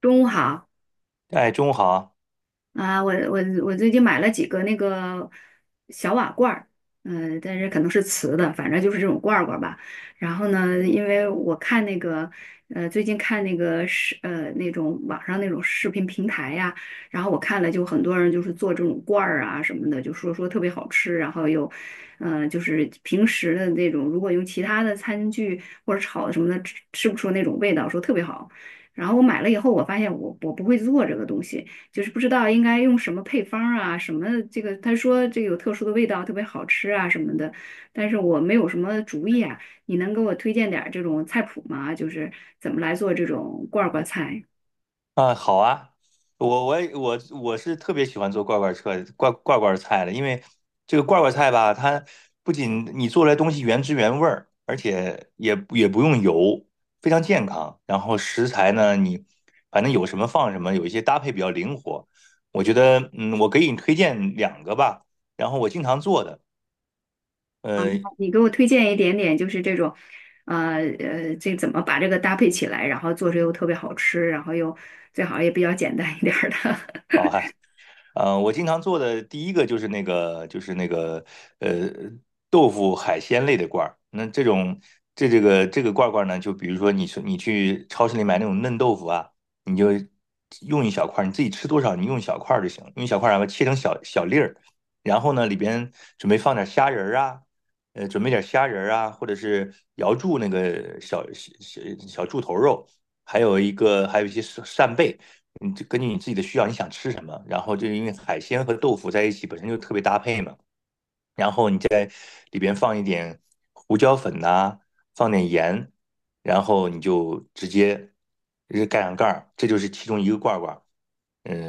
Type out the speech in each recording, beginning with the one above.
中午好哎，中午好啊。啊，我最近买了几个那个小瓦罐儿，但是可能是瓷的，反正就是这种罐儿罐儿吧。然后呢，因为我看那个最近看那个那种网上那种视频平台呀、然后我看了就很多人就是做这种罐儿啊什么的，就说特别好吃，然后又就是平时的那种，如果用其他的餐具或者炒的什么的，吃不出那种味道，说特别好。然后我买了以后，我发现我不会做这个东西。就是不知道应该用什么配方啊，什么这个，他说这个有特殊的味道，特别好吃啊什么的，但是我没有什么主意啊，你能给我推荐点儿这种菜谱吗？就是怎么来做这种罐儿罐菜啊,好啊，我我也我我是特别喜欢做罐罐车罐罐罐菜的，因为这个罐罐菜吧，它不仅你做出来东西原汁原味儿，而且也不用油，非常健康。然后食材呢，你反正有什么放什么，有一些搭配比较灵活。我觉得，我给你推荐两个吧。然后我经常做的，啊？你呃，好你给我推荐一点点，就是这种，这怎么把这个搭配起来，然后做出又特别好吃，然后又最好也比较简单一点儿的。好。我经常做的第一个就是那个呃豆腐海鲜类的罐儿。那这种这个罐儿罐儿呢，就比如说你去超市里买那种嫩豆腐啊，你就用一小块儿，你自己吃多少你用一小块儿就行，用一小块儿然后切成小小粒儿，然后呢里边准备放点虾仁儿啊。准备点虾仁儿啊，或者是瑶柱那个小小柱头肉，还有一个还有一些扇贝，你就根据你自己的需要，你想吃什么，然后就因为海鲜和豆腐在一起本身就特别搭配嘛。然后你在里边放一点胡椒粉呐、放点盐，然后你就直接盖上盖儿，这就是其中一个罐儿罐儿。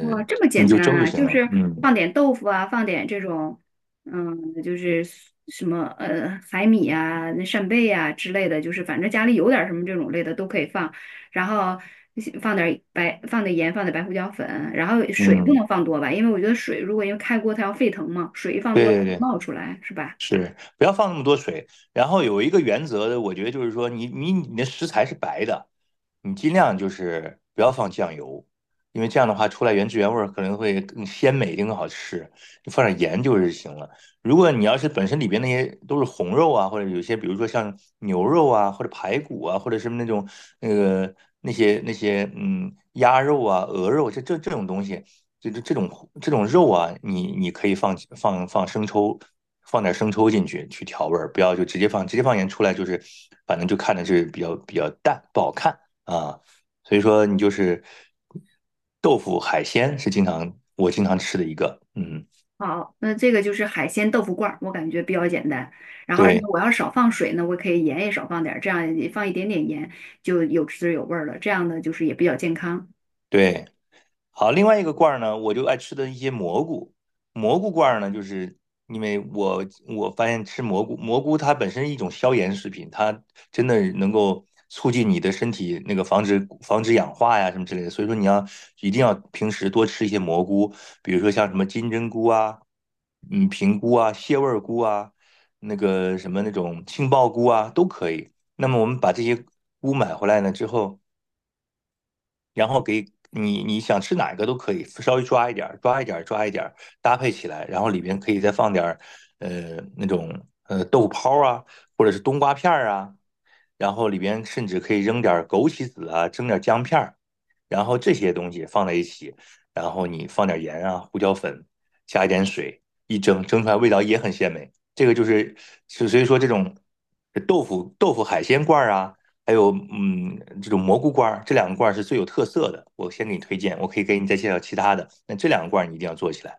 哇，这么你简就单蒸就啊，行就了。是嗯放点豆腐啊，放点这种，嗯，就是什么海米啊、那扇贝啊之类的，就是反正家里有点什么这种类的都可以放，然后放点盐，放点白胡椒粉，然后水不嗯，能放多吧，因为我觉得水如果因为开锅它要沸腾嘛，水一放对多它对对。冒出来是吧？是，不要放那么多水。然后有一个原则，我觉得就是说你的食材是白的，你尽量就是不要放酱油，因为这样的话出来原汁原味儿可能会更鲜美一定更好吃。你放点盐就是行了。如果你要是本身里边那些都是红肉啊，或者有些比如说像牛肉啊，或者排骨啊，或者什么那种那个那些鸭肉啊、鹅肉这种东西，这种肉啊，你可以放生抽。放点生抽进去调味儿，不要就直接放，直接放盐出来就是反正就看着是比较淡，不好看啊。所以说你就是豆腐海鲜是我经常吃的一个。嗯，好，那这个就是海鲜豆腐罐儿，我感觉比较简单。然后，而且对。我要少放水呢，我可以盐也少放点儿，这样也放一点点盐就有滋有味儿了。这样呢，就是也比较健康。对，好，另外一个罐儿呢，我就爱吃的一些蘑菇。蘑菇罐儿呢，就是因为我发现吃蘑菇，蘑菇它本身是一种消炎食品，它真的能够促进你的身体那个防止氧化呀什么之类的。所以说你要一定要平时多吃一些蘑菇，比如说像什么金针菇啊、平菇啊、蟹味儿菇啊、那个什么那种杏鲍菇啊都可以。那么我们把这些菇买回来呢之后，然后给你你想吃哪个都可以，稍微抓一点搭配起来，然后里边可以再放点那种豆腐泡啊，或者是冬瓜片儿啊，然后里边甚至可以扔点枸杞子啊，蒸点姜片儿，然后这些东西放在一起，然后你放点盐啊、胡椒粉，加一点水，一蒸，蒸出来味道也很鲜美。这个就是，所以说这种豆腐海鲜罐啊，还有这种蘑菇罐儿，这两个罐儿是最有特色的。我先给你推荐，我可以给你再介绍其他的。那这两个罐儿你一定要做起来。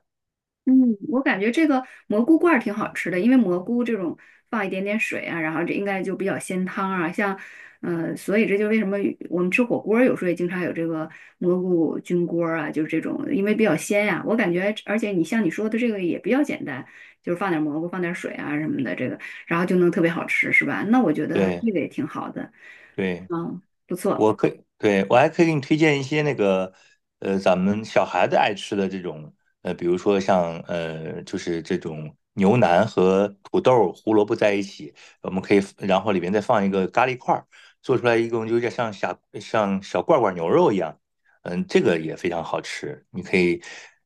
嗯，我感觉这个蘑菇罐儿挺好吃的，因为蘑菇这种放一点点水啊，然后这应该就比较鲜汤啊。像，所以这就为什么我们吃火锅儿有时候也经常有这个蘑菇菌锅儿啊，就是这种，因为比较鲜呀、我感觉，而且你像你说的这个也比较简单，就是放点蘑菇，放点水啊什么的，这个然后就能特别好吃，是吧？那我觉得对。这个也挺好的，对，嗯，不错。我可以，对，我还可以给你推荐一些那个，咱们小孩子爱吃的这种。比如说就是这种牛腩和土豆、胡萝卜在一起，我们可以，然后里面再放一个咖喱块儿，做出来一共就有点像小罐罐牛肉一样。嗯，这个也非常好吃，你可以。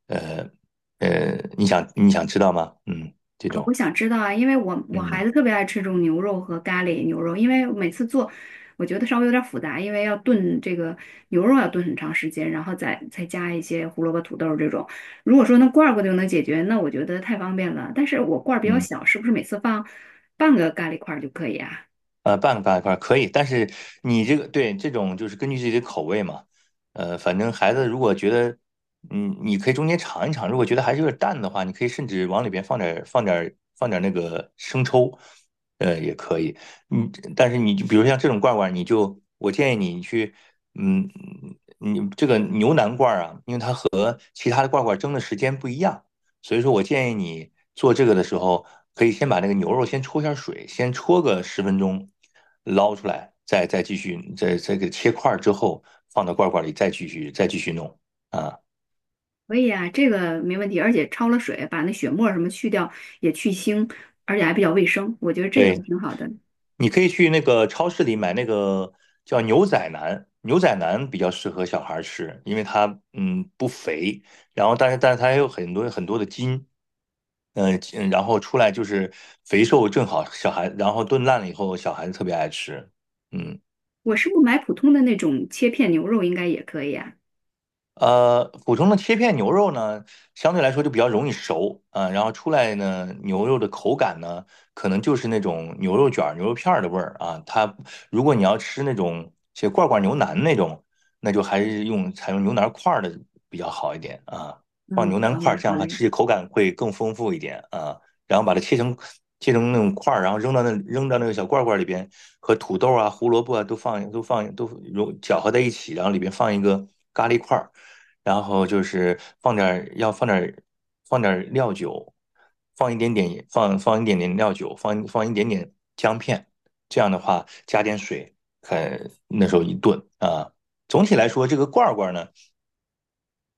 呃你想知道吗？嗯，这啊，我种。想知道啊，因为我孩嗯子特别爱吃这种牛肉和咖喱牛肉，因为每次做，我觉得稍微有点复杂，因为要炖这个牛肉要炖很长时间，然后再加一些胡萝卜、土豆这种。如果说那罐儿罐就能解决，那我觉得太方便了。但是我罐儿比较嗯。小，是不是每次放半个咖喱块儿就可以啊？半个大块儿可以，但是你这个对这种就是根据自己的口味嘛。反正孩子如果觉得，嗯，你可以中间尝一尝，如果觉得还是有点淡的话，你可以甚至往里边放点儿那个生抽，也可以。嗯，但是你就比如像这种罐罐，你就我建议你去。嗯，你这个牛腩罐儿啊，因为它和其他的罐罐蒸的时间不一样。所以说我建议你做这个的时候，可以先把那个牛肉先焯一下水，先焯个十分钟，捞出来，再继续，再给切块儿之后放到罐罐里，再继续弄啊。可以啊，这个没问题，而且焯了水，把那血沫儿什么去掉，也去腥，而且还比较卫生，我觉得这个对，挺好的。你可以去那个超市里买那个叫牛仔腩，牛仔腩比较适合小孩儿吃，因为它不肥，然后但是它也有很多的筋。嗯。然后出来就是肥瘦正好，小孩，然后炖烂了以后，小孩子特别爱吃。嗯。我是不买普通的那种切片牛肉应该也可以啊？普通的切片牛肉呢，相对来说就比较容易熟啊，然后出来呢，牛肉的口感呢，可能就是那种牛肉卷儿、牛肉片儿的味儿啊。它如果你要吃那种些罐罐牛腩那种，那就还是采用牛腩块儿的比较好一点啊。放嗯，牛好腩嘞，块儿，这好样它吃嘞，起口感会更丰富一点啊。然后把它切成那种块儿，然后扔到那个小罐罐里边，和土豆啊、胡萝卜啊都放搅和在一起，然后里边放一个咖喱块儿。然后就是放点儿料酒，放一点点料酒，放一点点姜片，这样的话加点水，看那时候一炖啊。总体来说，这个罐儿罐儿呢，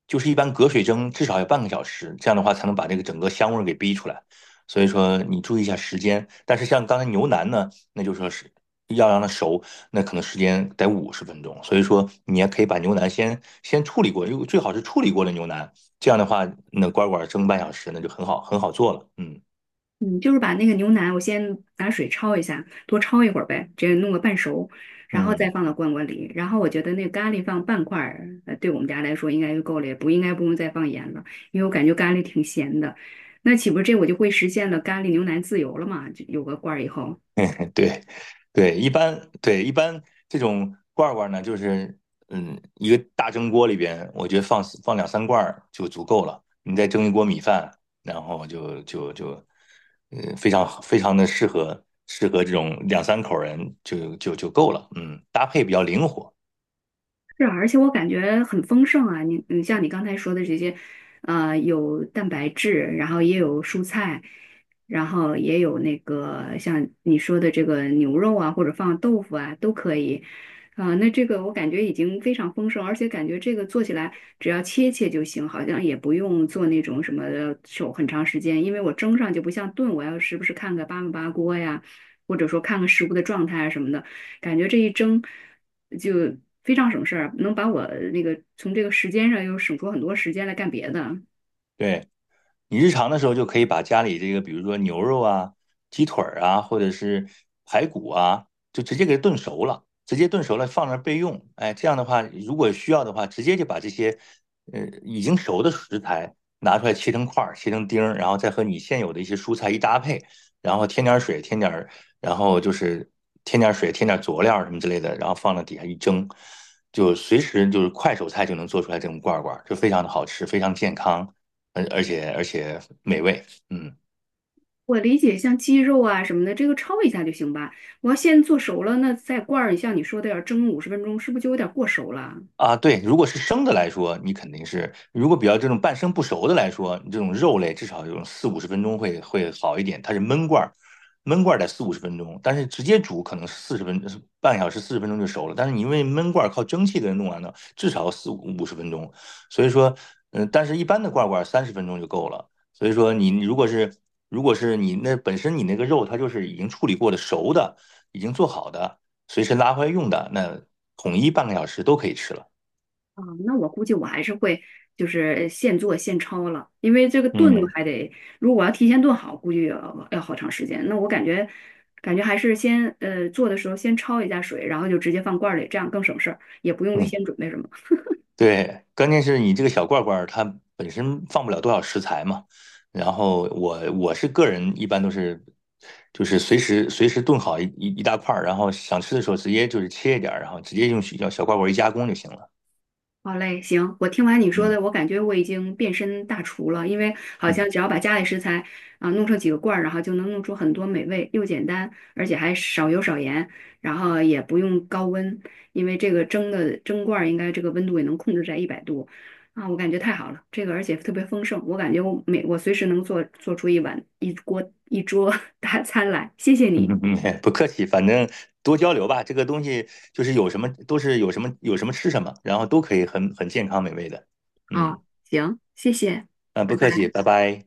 就是一般隔水蒸至少要半个小时，这样的话才能把这个整个香味儿给逼出来。所以说你注意一下时间，但是像刚才牛腩呢，那就说是要让它熟，那可能时间得五十分钟。所以说你也可以把牛腩先处理过，因为最好是处理过的牛腩，这样的话那乖乖蒸半小时，那就很好做了。嗯嗯，就是把那个牛腩，我先拿水焯一下，多焯一会儿呗，接弄个半熟，然后再嗯，放到罐罐里。然后我觉得那个咖喱放半块儿，对我们家来说应该就够了，也不应该不用再放盐了，因为我感觉咖喱挺咸的。那岂不是这我就会实现了咖喱牛腩自由了嘛？就有个罐儿以后，对。一般这种罐儿罐儿呢，就是一个大蒸锅里边，我觉得放两三罐儿就足够了。你再蒸一锅米饭，然后就就就，嗯，非常非常的适合这种两三口人就够了。嗯，搭配比较灵活。是啊，而且我感觉很丰盛啊！你像你刚才说的这些，有蛋白质，然后也有蔬菜，然后也有那个像你说的这个牛肉啊，或者放豆腐啊，都可以。啊、那这个我感觉已经非常丰盛，而且感觉这个做起来只要切切就行，好像也不用做那种什么手很长时间，因为我蒸上就不像炖，我要时不时看个八分八锅呀，或者说看看食物的状态啊什么的，感觉这一蒸。就非常省事儿，能把我那个从这个时间上又省出很多时间来干别的。对，你日常的时候就可以把家里这个，比如说牛肉啊、鸡腿儿啊，或者是排骨啊，就直接给它炖熟了，直接炖熟了放那儿备用。哎，这样的话，如果需要的话，直接就把这些已经熟的食材拿出来切成块儿、切成丁儿，然后再和你现有的一些蔬菜一搭配，然后然后就是添点儿水、添点儿佐料什么之类的，然后放到底下一蒸。就随时就是快手菜就能做出来这种罐儿罐儿，就非常的好吃，非常健康。而且美味。嗯。我理解，像鸡肉啊什么的，这个焯一下就行吧。我要先做熟了，那再罐儿，像你说的要蒸50分钟，是不是就有点过熟了？啊，对，如果是生的来说，你肯定是；如果比较这种半生不熟的来说，你这种肉类至少有四五十分钟会好一点。它是焖罐儿，焖罐儿得四五十分钟，但是直接煮可能是四十分半小时40分钟就熟了。但是你因为焖罐儿靠蒸汽给它弄完了，至少四五十分钟。所以说，但是一般的罐儿罐30分钟就够了。所以说你，如果是你那本身你那个肉它就是已经处理过的熟的，已经做好的，随时拉回来用的，那统一半个小时都可以吃了。啊，那我估计我还是会就是现做现焯了，因为这个炖嗯还得，如果要提前炖好，估计要好长时间。那我感觉感觉还是先做的时候先焯一下水，然后就直接放罐儿里，这样更省事儿，也不用预嗯，先准备什么。对。关键是你这个小罐罐儿它本身放不了多少食材嘛，然后我是个人一般都是就是随时炖好一大块儿，然后想吃的时候直接就是切一点儿，然后直接用小小罐罐儿一加工就行了。好嘞，行，我听完你说嗯的，我感觉我已经变身大厨了，因为好嗯像只要把家里食材啊、弄成几个罐儿，然后就能弄出很多美味，又简单，而且还少油少盐，然后也不用高温，因为这个蒸的蒸罐儿应该这个温度也能控制在100度啊，我感觉太好了，这个而且特别丰盛，我感觉我随时能做出一碗一锅一桌 大餐来，谢谢嗯你嗯，嗯 不客气，反正多交流吧，这个东西就是有什么吃什么，然后都可以很健康美味的。嗯。啊，行，谢谢。啊，不拜客气，拜。拜拜。